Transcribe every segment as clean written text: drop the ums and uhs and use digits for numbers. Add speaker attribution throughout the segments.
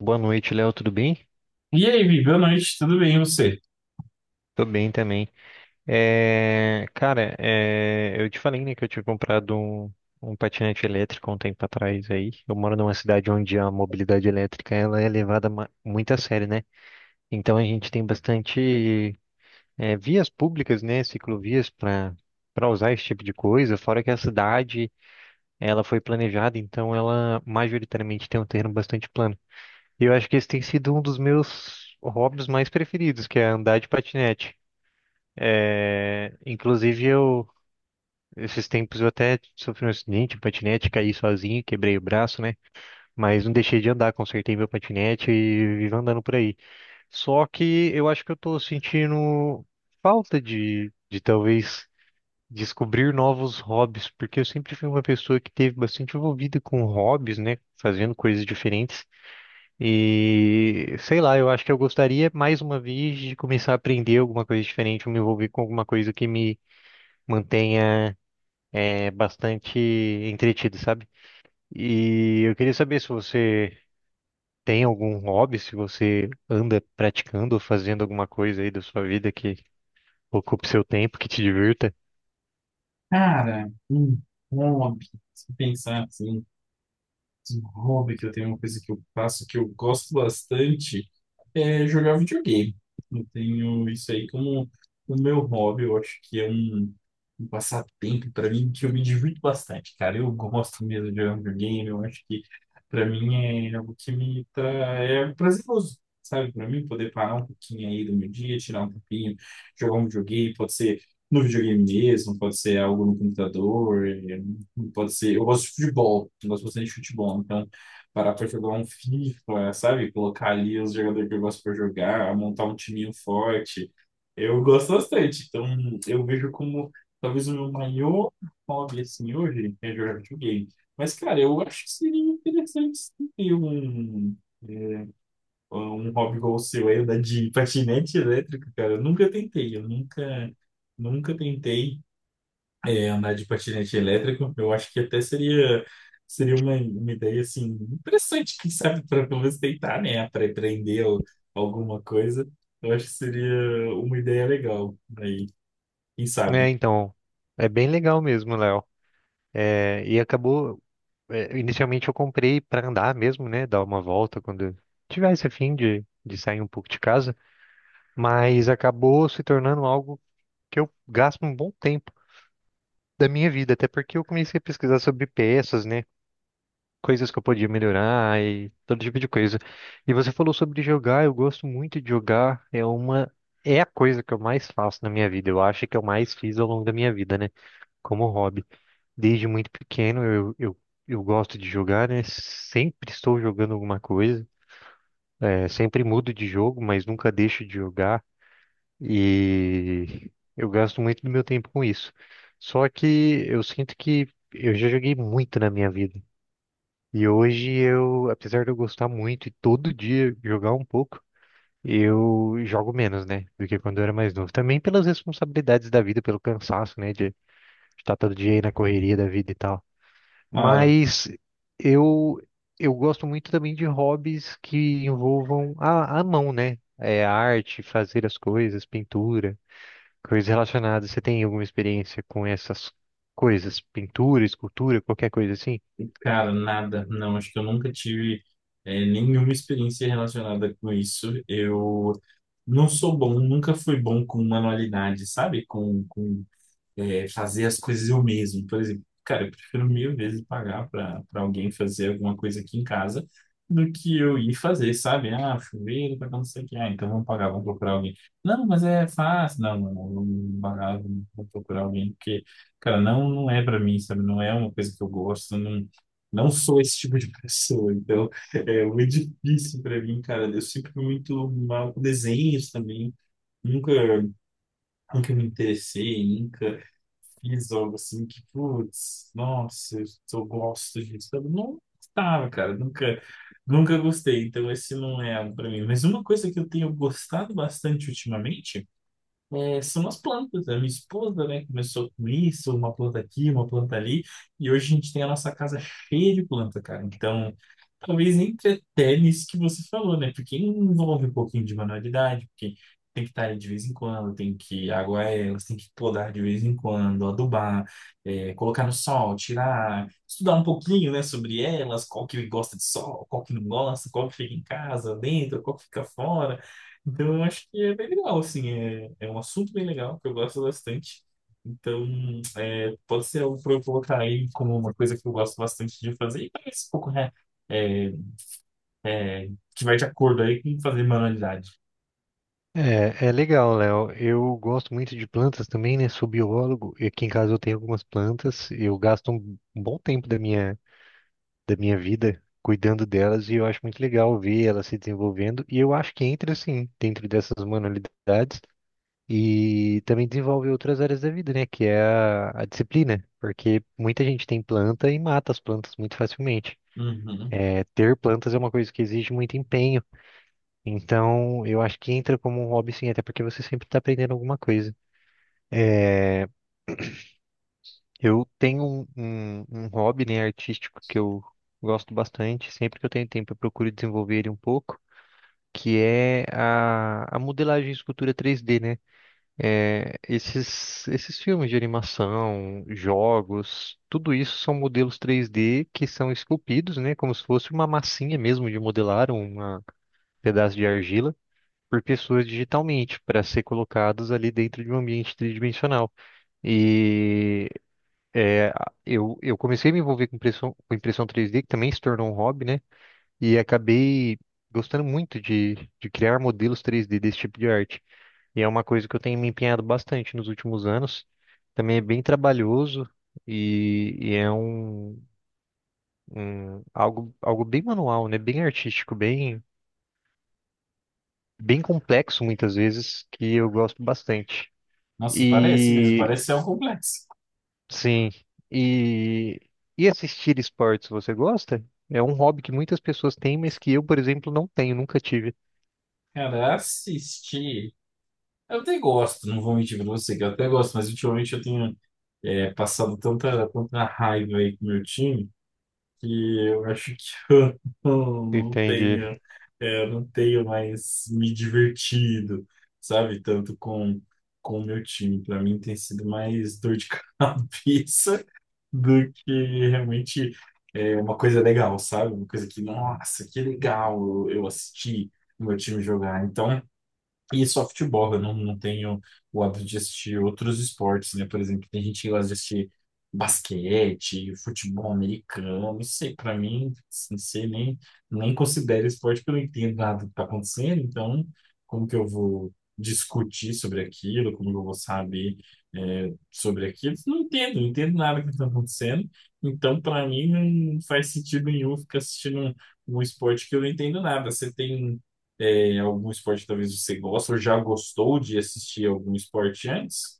Speaker 1: Boa noite, Léo, tudo bem?
Speaker 2: E aí, Vi, boa noite, tudo bem, e você?
Speaker 1: Tô bem também. Cara, eu te falei, né, que eu tinha comprado um patinete elétrico um tempo atrás aí. Eu moro numa cidade onde a mobilidade elétrica ela é levada muito a sério, né? Então a gente tem bastante vias públicas, né, ciclovias para para usar esse tipo de coisa. Fora que a cidade ela foi planejada, então ela majoritariamente tem um terreno bastante plano. E eu acho que esse tem sido um dos meus hobbies mais preferidos, que é andar de patinete. Inclusive, esses tempos eu até sofri um acidente, um patinete, caí sozinho, quebrei o braço, né? Mas não deixei de andar, consertei meu patinete e vivo andando por aí. Só que eu acho que eu tô sentindo falta de talvez descobrir novos hobbies, porque eu sempre fui uma pessoa que teve bastante envolvida com hobbies, né? Fazendo coisas diferentes. E sei lá, eu acho que eu gostaria mais uma vez de começar a aprender alguma coisa diferente, me envolver com alguma coisa que me mantenha bastante entretido, sabe? E eu queria saber se você tem algum hobby, se você anda praticando ou fazendo alguma coisa aí da sua vida que ocupe seu tempo, que te divirta.
Speaker 2: Cara, um hobby, se pensar assim. Um hobby que eu tenho, uma coisa que eu faço que eu gosto bastante é jogar videogame. Eu tenho isso aí como o meu hobby. Eu acho que é um passatempo para mim que eu me divirto bastante, cara. Eu gosto mesmo de jogar videogame. Eu acho que para mim é algo que é prazeroso, sabe? Para mim poder parar um pouquinho aí do meu dia, tirar um tempinho, jogar um videogame, pode ser no videogame mesmo, pode ser algo no computador. Pode ser. Eu gosto de futebol. Eu gosto bastante de futebol. Então, parar pra jogar um FIFA, sabe? Colocar ali os jogadores que eu gosto pra jogar, montar um timinho forte. Eu gosto bastante. Então, eu vejo como talvez o meu maior hobby, assim, hoje é jogar videogame. Mas, cara, eu acho que seria interessante sim, ter é, um hobby igual o seu aí, andar de patinete elétrico, cara. Eu nunca tentei. Eu nunca tentei andar de patinete elétrico, eu acho que até seria uma ideia assim interessante, quem sabe, para pelo menos tentar, né, para alguma coisa. Eu acho que seria uma ideia legal aí, quem
Speaker 1: É,
Speaker 2: sabe.
Speaker 1: então, é bem legal mesmo, Léo. É, e acabou. Inicialmente eu comprei para andar mesmo, né? Dar uma volta quando eu tivesse a fim de sair um pouco de casa. Mas acabou se tornando algo que eu gasto um bom tempo da minha vida, até porque eu comecei a pesquisar sobre peças, né? Coisas que eu podia melhorar e todo tipo de coisa. E você falou sobre jogar, eu gosto muito de jogar, é uma. É a coisa que eu mais faço na minha vida, eu acho que eu mais fiz ao longo da minha vida, né? Como hobby. Desde muito pequeno eu gosto de jogar, né? Sempre estou jogando alguma coisa. É, sempre mudo de jogo, mas nunca deixo de jogar. E eu gasto muito do meu tempo com isso. Só que eu sinto que eu já joguei muito na minha vida. E hoje eu, apesar de eu gostar muito e todo dia jogar um pouco, eu jogo menos, né? Do que quando eu era mais novo. Também pelas responsabilidades da vida, pelo cansaço, né? De estar todo dia aí na correria da vida e tal.
Speaker 2: Ah,
Speaker 1: Mas eu eu gosto muito também de hobbies que envolvam a mão, né? É arte, fazer as coisas, pintura, coisas relacionadas. Você tem alguma experiência com essas coisas? Pintura, escultura, qualquer coisa assim?
Speaker 2: cara, nada, não, acho que eu nunca tive nenhuma experiência relacionada com isso. Eu não sou bom, nunca fui bom com manualidade, sabe? Com fazer as coisas eu mesmo. Por exemplo, cara, eu prefiro mil vezes pagar para alguém fazer alguma coisa aqui em casa do que eu ir fazer, sabe? Ah, chuveiro, para não sei o que. Ah, então vamos pagar, vamos procurar alguém. Não, mas é fácil. Não, não, não, vamos pagar, vamos procurar alguém, porque, cara, não, não é para mim, sabe? Não é uma coisa que eu gosto, não. Não sou esse tipo de pessoa, então é muito difícil para mim, cara. Eu sempre fui muito mal com desenhos também. Nunca nunca me interessei, nunca fiz algo assim que, putz, nossa, eu só gosto disso. Eu não gostava, cara, nunca gostei, então esse não é algo pra mim. Mas uma coisa que eu tenho gostado bastante ultimamente é, são as plantas. Né? A minha esposa, né, começou com isso, uma planta aqui, uma planta ali, e hoje a gente tem a nossa casa cheia de planta, cara. Então, talvez entre até nisso que você falou, né? Porque envolve um pouquinho de manualidade, porque tem que estar aí de vez em quando, tem que aguar elas, tem que podar de vez em quando, adubar, é, colocar no sol, tirar, estudar um pouquinho, né, sobre elas, qual que gosta de sol, qual que não gosta, qual que fica em casa, dentro, qual que fica fora. Então, eu acho que é bem legal, assim, é um assunto bem legal, que eu gosto bastante. Então, é, pode ser algo para eu colocar aí como uma coisa que eu gosto bastante de fazer, e parece um pouco né, é, é, que vai de acordo aí com fazer manualidade.
Speaker 1: É, é legal, Léo. Eu gosto muito de plantas também, né? Sou biólogo e aqui em casa eu tenho algumas plantas. Eu gasto um bom tempo da minha vida cuidando delas e eu acho muito legal ver elas se desenvolvendo e eu acho que entra assim dentro dessas manualidades e também desenvolve outras áreas da vida, né, que é a disciplina, porque muita gente tem planta e mata as plantas muito facilmente.
Speaker 2: Uhum.
Speaker 1: É, ter plantas é uma coisa que exige muito empenho, então eu acho que entra como um hobby sim, até porque você sempre está aprendendo alguma coisa. Eu tenho um hobby, né, artístico que eu gosto bastante, sempre que eu tenho tempo eu procuro desenvolver ele um pouco. Que é a modelagem de escultura 3D, né? Esses filmes de animação, jogos, tudo isso são modelos 3D que são esculpidos, né? Como se fosse uma massinha mesmo de modelar, um pedaço de argila. Por pessoas digitalmente, para ser colocados ali dentro de um ambiente tridimensional. E é, eu comecei a me envolver com impressão 3D, que também se tornou um hobby, né? E acabei gostando muito de criar modelos 3D desse tipo de arte. E é uma coisa que eu tenho me empenhado bastante nos últimos anos. Também é bem trabalhoso e, e é um, algo, algo bem manual, né? Bem artístico, bem, bem complexo muitas vezes, que eu gosto bastante.
Speaker 2: Nossa, parece mesmo,
Speaker 1: E
Speaker 2: parece ser um complexo.
Speaker 1: sim, e, e assistir esportes você gosta? É um hobby que muitas pessoas têm, mas que eu, por exemplo, não tenho, nunca tive.
Speaker 2: Cara, assistir. Eu até gosto, não vou mentir pra você, que eu até gosto, mas ultimamente eu tenho passado tanta raiva aí com o meu time. Que eu acho que eu não
Speaker 1: Entendi.
Speaker 2: tenha, eu não tenho mais me divertido, sabe? Tanto com o meu time. Para mim tem sido mais dor de cabeça do que realmente é uma coisa legal, sabe? Uma coisa que, nossa, que legal eu assisti o meu time jogar. Então, e softball, eu não, não tenho o hábito de assistir outros esportes, né? Por exemplo, tem gente que gosta de assistir basquete, futebol americano, não sei, pra mim, não sei, nem considero esporte porque eu não entendo nada do que tá acontecendo, então como que eu vou discutir sobre aquilo, como que eu vou saber sobre aquilo? Não entendo nada do que tá acontecendo, então pra mim não faz sentido nenhum ficar assistindo um esporte que eu não entendo nada. Você tem algum esporte que talvez você gosta ou já gostou de assistir algum esporte antes?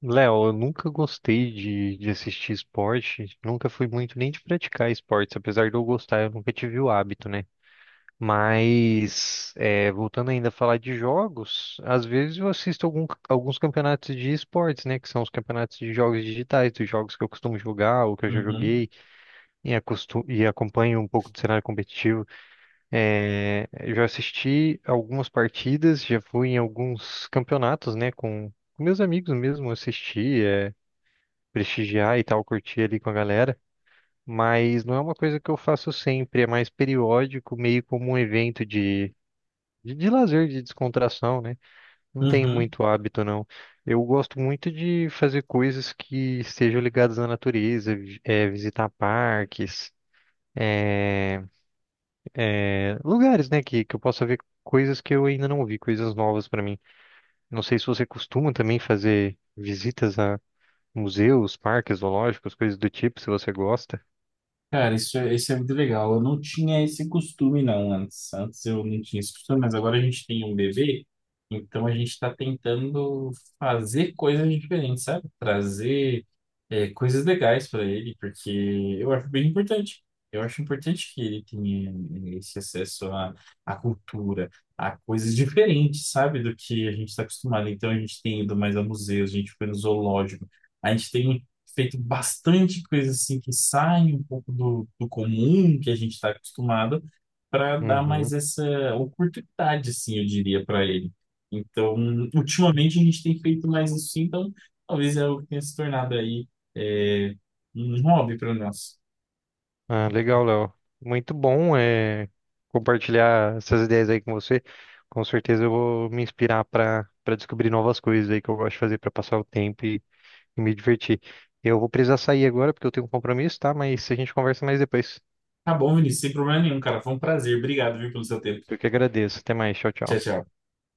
Speaker 1: Léo, eu nunca gostei de assistir esporte, nunca fui muito nem de praticar esportes, apesar de eu gostar, eu nunca tive o hábito, né? Mas, é, voltando ainda a falar de jogos, às vezes eu assisto alguns campeonatos de esportes, né? Que são os campeonatos de jogos digitais, dos jogos que eu costumo jogar ou que eu já
Speaker 2: Uhum,
Speaker 1: joguei e acompanho um pouco do cenário competitivo. É, eu já assisti algumas partidas, já fui em alguns campeonatos, né? Com meus amigos mesmo, assisti. É, prestigiar e tal, curtir ali com a galera, mas não é uma coisa que eu faço sempre, é mais periódico, meio como um evento de lazer, de descontração, né? Não tenho
Speaker 2: uhum.
Speaker 1: muito hábito, não. Eu gosto muito de fazer coisas que estejam ligadas à natureza, visitar parques, lugares, né, que eu possa ver coisas que eu ainda não vi, coisas novas para mim. Não sei se você costuma também fazer visitas a museus, parques, zoológicos, coisas do tipo, se você gosta.
Speaker 2: Cara, isso é muito legal. Eu não tinha esse costume, não, antes. Antes eu não tinha esse costume, mas agora a gente tem um bebê, então a gente está tentando fazer coisas diferentes, sabe? Trazer, é, coisas legais para ele, porque eu acho bem importante. Eu acho importante que ele tenha eh, esse acesso à cultura, a coisas diferentes, sabe? Do que a gente está acostumado. Então a gente tem ido mais a museus, a gente foi no zoológico, a gente tem feito bastante coisa assim que sai um pouco do comum que a gente está acostumado para dar mais
Speaker 1: Uhum.
Speaker 2: essa oportunidade, assim, eu diria, para ele. Então, ultimamente a gente tem feito mais isso, então talvez é algo que tenha se tornado aí é, um hobby para nós.
Speaker 1: Ah, legal, Léo. Muito bom é, compartilhar essas ideias aí com você. Com certeza eu vou me inspirar para para descobrir novas coisas aí que eu gosto de fazer para passar o tempo e me divertir. Eu vou precisar sair agora porque eu tenho um compromisso, tá? Mas a gente conversa mais depois.
Speaker 2: Tá bom, Vinícius, sem problema nenhum, cara. Foi um prazer. Obrigado, viu, pelo seu tempo.
Speaker 1: Eu que agradeço. Até mais. Tchau,
Speaker 2: Tchau,
Speaker 1: tchau.
Speaker 2: tchau.